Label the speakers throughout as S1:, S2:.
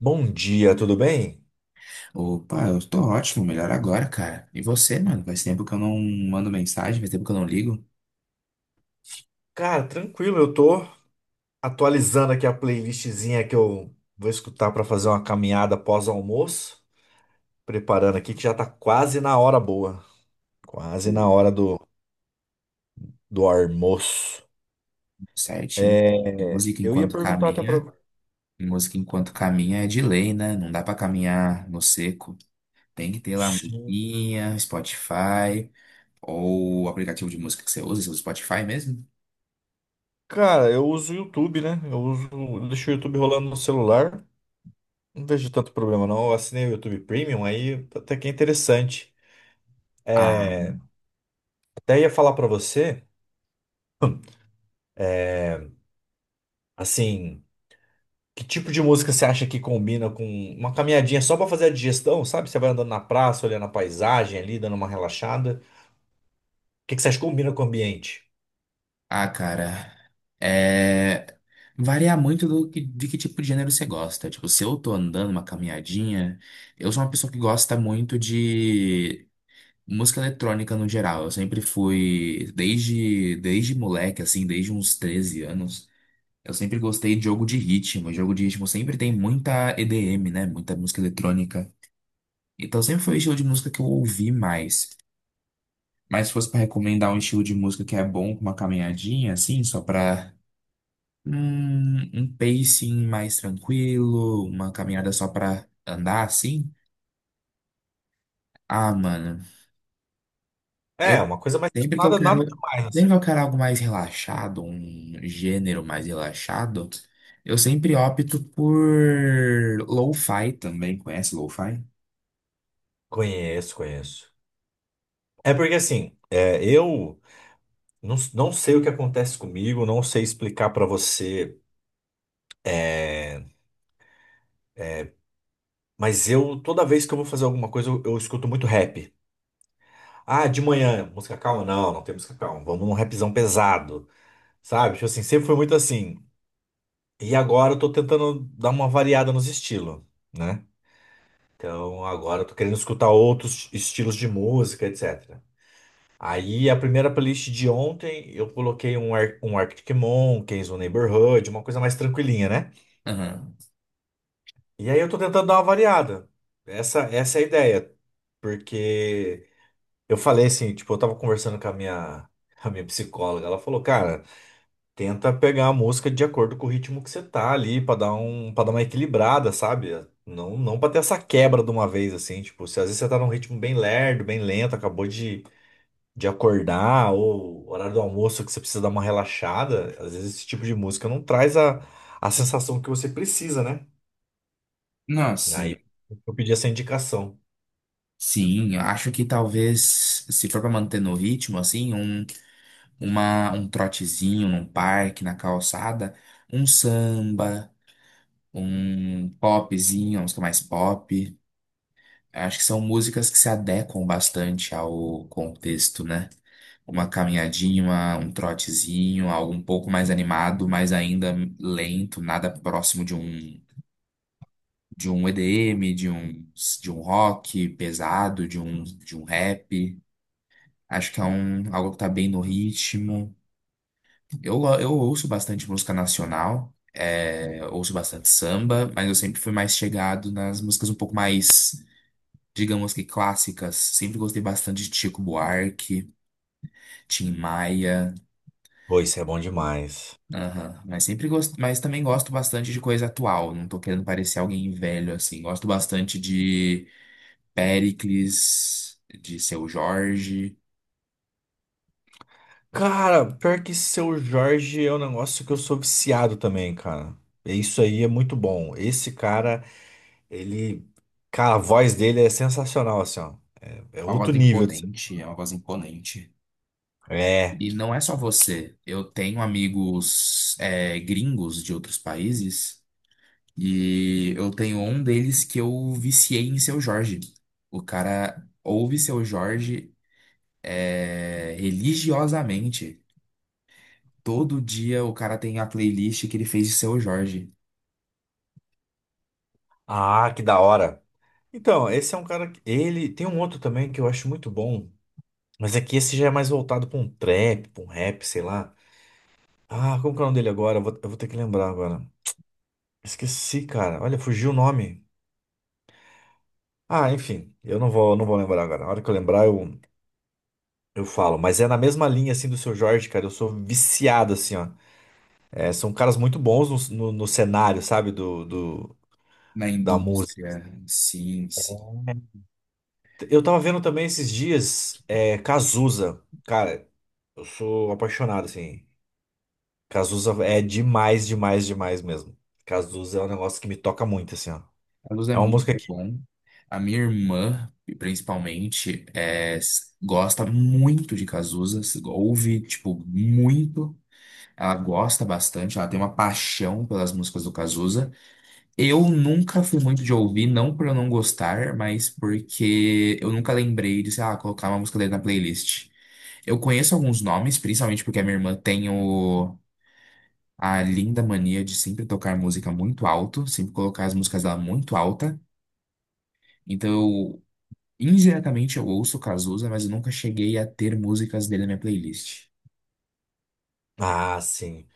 S1: Bom dia, tudo bem?
S2: Opa, eu tô ótimo, melhor agora, cara. E você, mano? Faz tempo que eu não mando mensagem, faz tempo que eu não ligo.
S1: Cara, tranquilo, eu tô atualizando aqui a playlistzinha que eu vou escutar pra fazer uma caminhada pós-almoço, preparando aqui que já tá quase na hora boa, quase
S2: Tudo
S1: na hora do almoço.
S2: certinho.
S1: É,
S2: Música
S1: eu ia
S2: enquanto
S1: perguntar até pra.
S2: caminha, música enquanto caminha é de lei, né? Não dá pra caminhar no seco. Tem que ter lá
S1: Sim.
S2: musiquinha, Spotify, ou o aplicativo de música que você usa, seu Spotify mesmo.
S1: Cara, eu uso o YouTube, né? Eu uso, eu deixo o YouTube rolando no celular. Não vejo tanto problema, não. Eu assinei o YouTube Premium, aí até que é interessante.
S2: Ah,
S1: É, até ia falar pra você, assim. Que tipo de música você acha que combina com uma caminhadinha só pra fazer a digestão, sabe? Você vai andando na praça, olhando a paisagem ali, dando uma relaxada. O que que você acha que combina com o ambiente?
S2: ah, cara, é... varia muito de que tipo de gênero você gosta. Tipo, se eu tô andando uma caminhadinha, eu sou uma pessoa que gosta muito de música eletrônica no geral. Eu sempre fui, desde moleque, assim, desde uns 13 anos, eu sempre gostei de jogo de ritmo. Jogo de ritmo sempre tem muita EDM, né? Muita música eletrônica. Então sempre foi o estilo de música que eu ouvi mais. Mas se fosse pra recomendar um estilo de música que é bom com uma caminhadinha, assim, só pra. Um pacing mais tranquilo, uma caminhada só pra andar assim? Ah, mano,
S1: É,
S2: eu
S1: uma coisa mais
S2: sempre que eu
S1: nada, nada
S2: quero,
S1: demais.
S2: sempre
S1: Assim.
S2: que eu quero algo mais relaxado, um gênero mais relaxado, eu sempre opto por lo-fi também. Conhece lo-fi?
S1: Conheço, conheço. É porque assim, é, eu não sei o que acontece comigo, não sei explicar pra você, é, mas eu toda vez que eu vou fazer alguma coisa, eu escuto muito rap. Ah, de manhã, música calma? Não, não tem música calma. Vamos num rapzão pesado, sabe? Tipo assim, sempre foi muito assim. E agora eu tô tentando dar uma variada nos estilos, né? Então agora eu tô querendo escutar outros estilos de música, etc. Aí a primeira playlist de ontem eu coloquei um, Ar um Arctic Monkeys, um Neighborhood, uma coisa mais tranquilinha, né?
S2: Aham.
S1: E aí eu tô tentando dar uma variada. Essa é a ideia. Porque eu falei assim, tipo, eu tava conversando com a minha psicóloga, ela falou, cara. Tenta pegar a música de acordo com o ritmo que você tá ali, pra dar um, para dar uma equilibrada, sabe? Não, não para ter essa quebra de uma vez assim, tipo, se às vezes você tá num ritmo bem lerdo, bem lento, acabou de acordar ou horário do almoço que você precisa dar uma relaxada, às vezes esse tipo de música não traz a sensação que você precisa, né?
S2: Não, sim.
S1: Aí eu pedi essa indicação.
S2: Sim, eu acho que talvez, se for pra manter no ritmo, assim, um trotezinho num parque, na calçada, um samba, um popzinho, uma música mais pop. Acho que são músicas que se adequam bastante ao contexto, né? Uma caminhadinha, um trotezinho, algo um pouco mais animado, mas ainda lento, nada próximo de um EDM, de um rock pesado, de um rap. Acho que é um algo que tá bem no ritmo. Eu ouço bastante música nacional. É, ouço bastante samba, mas eu sempre fui mais chegado nas músicas um pouco mais, digamos, que clássicas. Sempre gostei bastante de Chico Buarque, Tim Maia,
S1: Pô, isso é bom demais.
S2: aham. Mas sempre gosto, mas também gosto bastante de coisa atual. Não tô querendo parecer alguém velho assim. Gosto bastante de Péricles, de Seu Jorge.
S1: Cara, pior que Seu Jorge é um negócio que eu sou viciado também, cara. Isso aí é muito bom. Esse cara ele, cara, a voz dele é sensacional, assim, ó. É
S2: É uma
S1: outro
S2: voz
S1: nível.
S2: imponente, é uma voz imponente.
S1: É.
S2: E não é só você. Eu tenho amigos, é, gringos de outros países e eu tenho um deles que eu viciei em Seu Jorge. O cara ouve Seu Jorge, é, religiosamente. Todo dia o cara tem a playlist que ele fez de Seu Jorge,
S1: Ah, que da hora. Então, esse é um cara que ele tem um outro também que eu acho muito bom, mas é que esse já é mais voltado pra um trap, pra um rap, sei lá. Ah, como que é o nome dele agora? Eu vou ter que lembrar agora. Esqueci, cara. Olha, fugiu o nome. Ah, enfim, eu não vou lembrar agora. Na hora que eu lembrar, eu falo. Mas é na mesma linha, assim, do Seu Jorge, cara. Eu sou viciado, assim, ó. É, são caras muito bons no cenário, sabe?
S2: na
S1: Da música.
S2: indústria. Sim, sim.
S1: Eu tava vendo também esses dias, é, Cazuza. Cara, eu sou apaixonado, assim. Cazuza é demais, demais, demais mesmo. Cazuza é um negócio que me toca muito, assim, ó.
S2: A Luz é
S1: É uma
S2: muito
S1: música que.
S2: bom. A minha irmã, principalmente, gosta muito de Cazuza. Ouve, tipo, muito. Ela gosta bastante. Ela tem uma paixão pelas músicas do Cazuza. Eu nunca fui muito de ouvir, não por eu não gostar, mas porque eu nunca lembrei de, sei lá, colocar uma música dele na playlist. Eu conheço alguns nomes, principalmente porque a minha irmã tem o, a linda mania de sempre tocar música muito alto, sempre colocar as músicas dela muito alta. Então, eu- indiretamente eu ouço Cazuza, mas eu nunca cheguei a ter músicas dele na minha playlist.
S1: Ah, sim.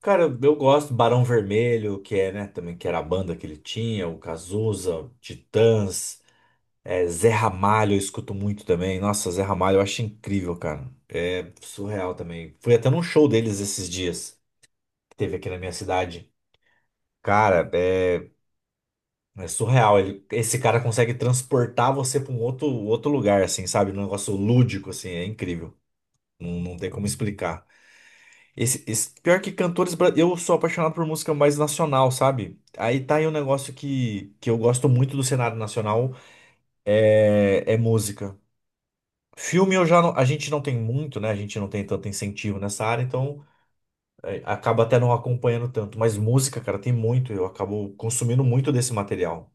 S1: Cara, eu gosto do Barão Vermelho, que é, né, também, que era a banda que ele tinha, o Cazuza, Titãs, é, Zé Ramalho, eu escuto muito também. Nossa, Zé Ramalho eu acho incrível, cara. É surreal também. Fui até num show deles esses dias, que teve aqui na minha cidade. Cara, é, é surreal. Ele, esse cara consegue transportar você pra um outro, outro lugar, assim, sabe? Um negócio lúdico, assim, é incrível. Não, não tem como explicar. Pior que cantores. Eu sou apaixonado por música mais nacional, sabe? Aí tá aí um negócio que eu gosto muito do cenário nacional: é, é música. Filme eu já não- A gente não tem muito, né? A gente não tem tanto incentivo nessa área, então acaba até não acompanhando tanto. Mas música, cara, tem muito. Eu acabo consumindo muito desse material.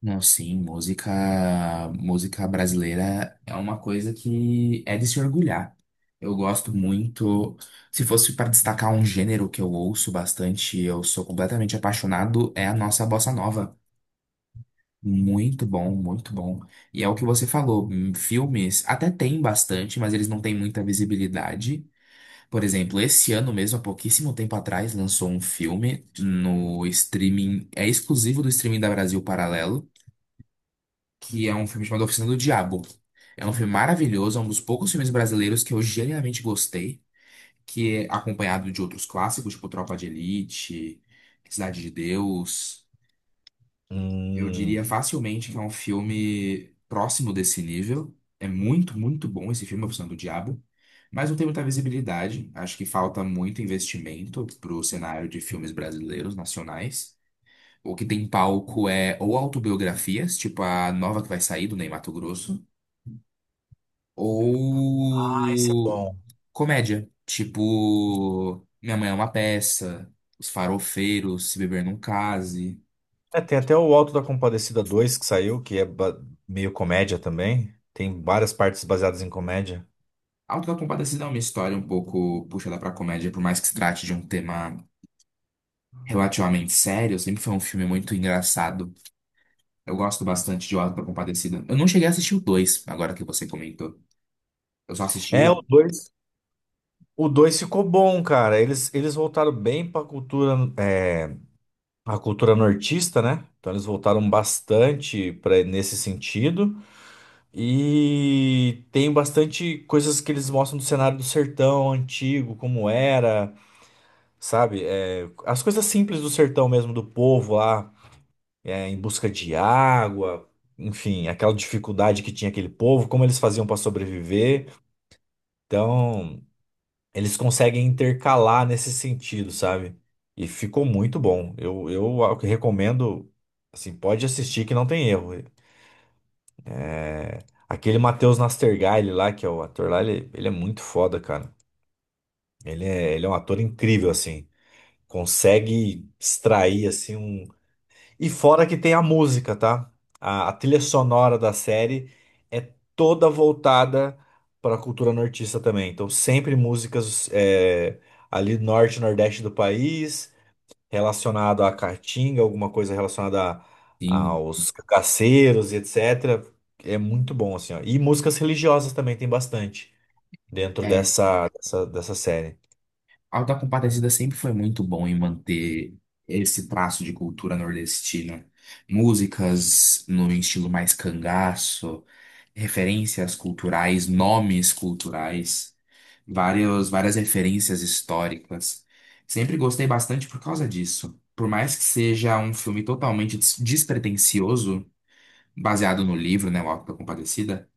S2: Não, sim, música brasileira é uma coisa que é de se orgulhar. Eu gosto muito. Se fosse para destacar um gênero que eu ouço bastante, eu sou completamente apaixonado, é a nossa bossa nova. Muito bom, muito bom. E é o que você falou, filmes até tem bastante, mas eles não têm muita visibilidade. Por exemplo, esse ano mesmo, há pouquíssimo tempo atrás, lançou um filme no streaming, é exclusivo do streaming da Brasil Paralelo, que é um filme chamado Oficina do Diabo. É um filme maravilhoso, é um dos poucos filmes brasileiros que eu genuinamente gostei, que é acompanhado de outros clássicos, tipo Tropa de Elite, Cidade de Deus. Eu
S1: Hum.
S2: diria facilmente que é um filme próximo desse nível. É muito, muito bom esse filme, A Profissão do Diabo. Mas não tem muita visibilidade. Acho que falta muito investimento para o cenário de filmes brasileiros, nacionais. O que tem em palco é ou autobiografias, tipo a nova que vai sair do Ney Matogrosso,
S1: Ah, esse é
S2: ou
S1: bom.
S2: comédia, tipo Minha Mãe é uma Peça, Os Farofeiros, Se Beber Não Case.
S1: É, tem até o Alto da Compadecida 2 que saiu, que é meio comédia também. Tem várias partes baseadas em comédia.
S2: Autocompadecida é uma história um pouco puxada pra comédia, por mais que se trate de um tema relativamente sério, sempre foi um filme muito engraçado. Eu gosto bastante de Autocompadecida. Eu não cheguei a assistir o dois, agora que você comentou. Eu só assisti o
S1: É, o
S2: um.
S1: 2, O 2 ficou bom, cara. Eles voltaram bem pra cultura, é, a cultura nortista, né? Então eles voltaram bastante para nesse sentido. E tem bastante coisas que eles mostram do cenário do sertão antigo, como era, sabe? É, as coisas simples do sertão mesmo, do povo lá. É, em busca de água, enfim, aquela dificuldade que tinha aquele povo, como eles faziam para sobreviver. Então, eles conseguem intercalar nesse sentido, sabe? E ficou muito bom. Eu recomendo, assim, pode assistir que não tem erro. Aquele Matheus Nastergaile lá, que é o ator lá, ele é muito foda, cara. Ele é um ator incrível, assim. Consegue extrair, assim, um e fora que tem a música, tá? A trilha sonora da série é toda voltada para a cultura nortista também. Então, sempre músicas é, ali do norte, e nordeste do país, relacionado à caatinga, alguma coisa relacionada
S2: Sim.
S1: aos cacaceiros e etc. É muito bom, assim, ó. E músicas religiosas também tem bastante dentro
S2: É,
S1: dessa série.
S2: Autocompadecida sempre foi muito bom em manter esse traço de cultura nordestina. Músicas no estilo mais cangaço, referências culturais, nomes culturais, várias referências históricas. Sempre gostei bastante por causa disso. Por mais que seja um filme totalmente despretensioso, baseado no livro, né, O Auto da Compadecida,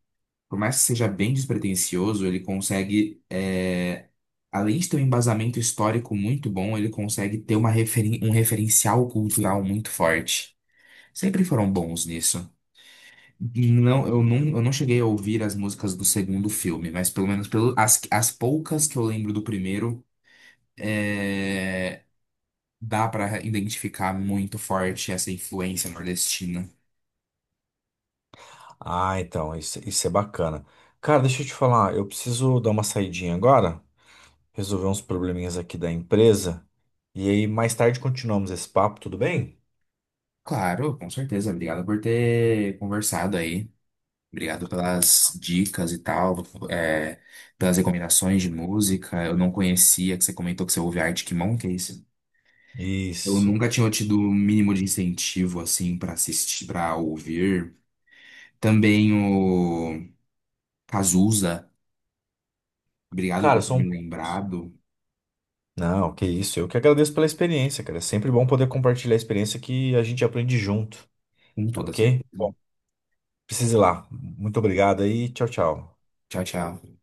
S2: por mais que seja bem despretensioso, ele consegue, é, além de ter um embasamento histórico muito bom, ele consegue ter uma um referencial cultural muito forte. Sempre foram bons nisso. Não, eu não cheguei a ouvir as músicas do segundo filme, mas pelo menos pelo, as poucas que eu lembro do primeiro, é, dá pra identificar muito forte essa influência nordestina.
S1: Ah, então, isso é bacana. Cara, deixa eu te falar, eu preciso dar uma saidinha agora. Resolver uns probleminhas aqui da empresa. E aí, mais tarde continuamos esse papo, tudo bem?
S2: Claro, com certeza. Obrigado por ter conversado aí. Obrigado pelas dicas e tal, é, pelas recomendações de música. Eu não conhecia, que você comentou que você ouve Arctic Monkeys. Eu
S1: Isso.
S2: nunca tinha tido o mínimo de incentivo assim pra assistir, para ouvir. Também o Cazuza. Obrigado por
S1: Cara,
S2: ter me
S1: são poucos.
S2: lembrado.
S1: Não, que isso. Eu que agradeço pela experiência, cara. É sempre bom poder compartilhar a experiência que a gente aprende junto,
S2: Com
S1: tá
S2: toda
S1: ok?
S2: certeza.
S1: Bom, precise ir lá. Muito obrigado aí. Tchau, tchau.
S2: Tchau, tchau.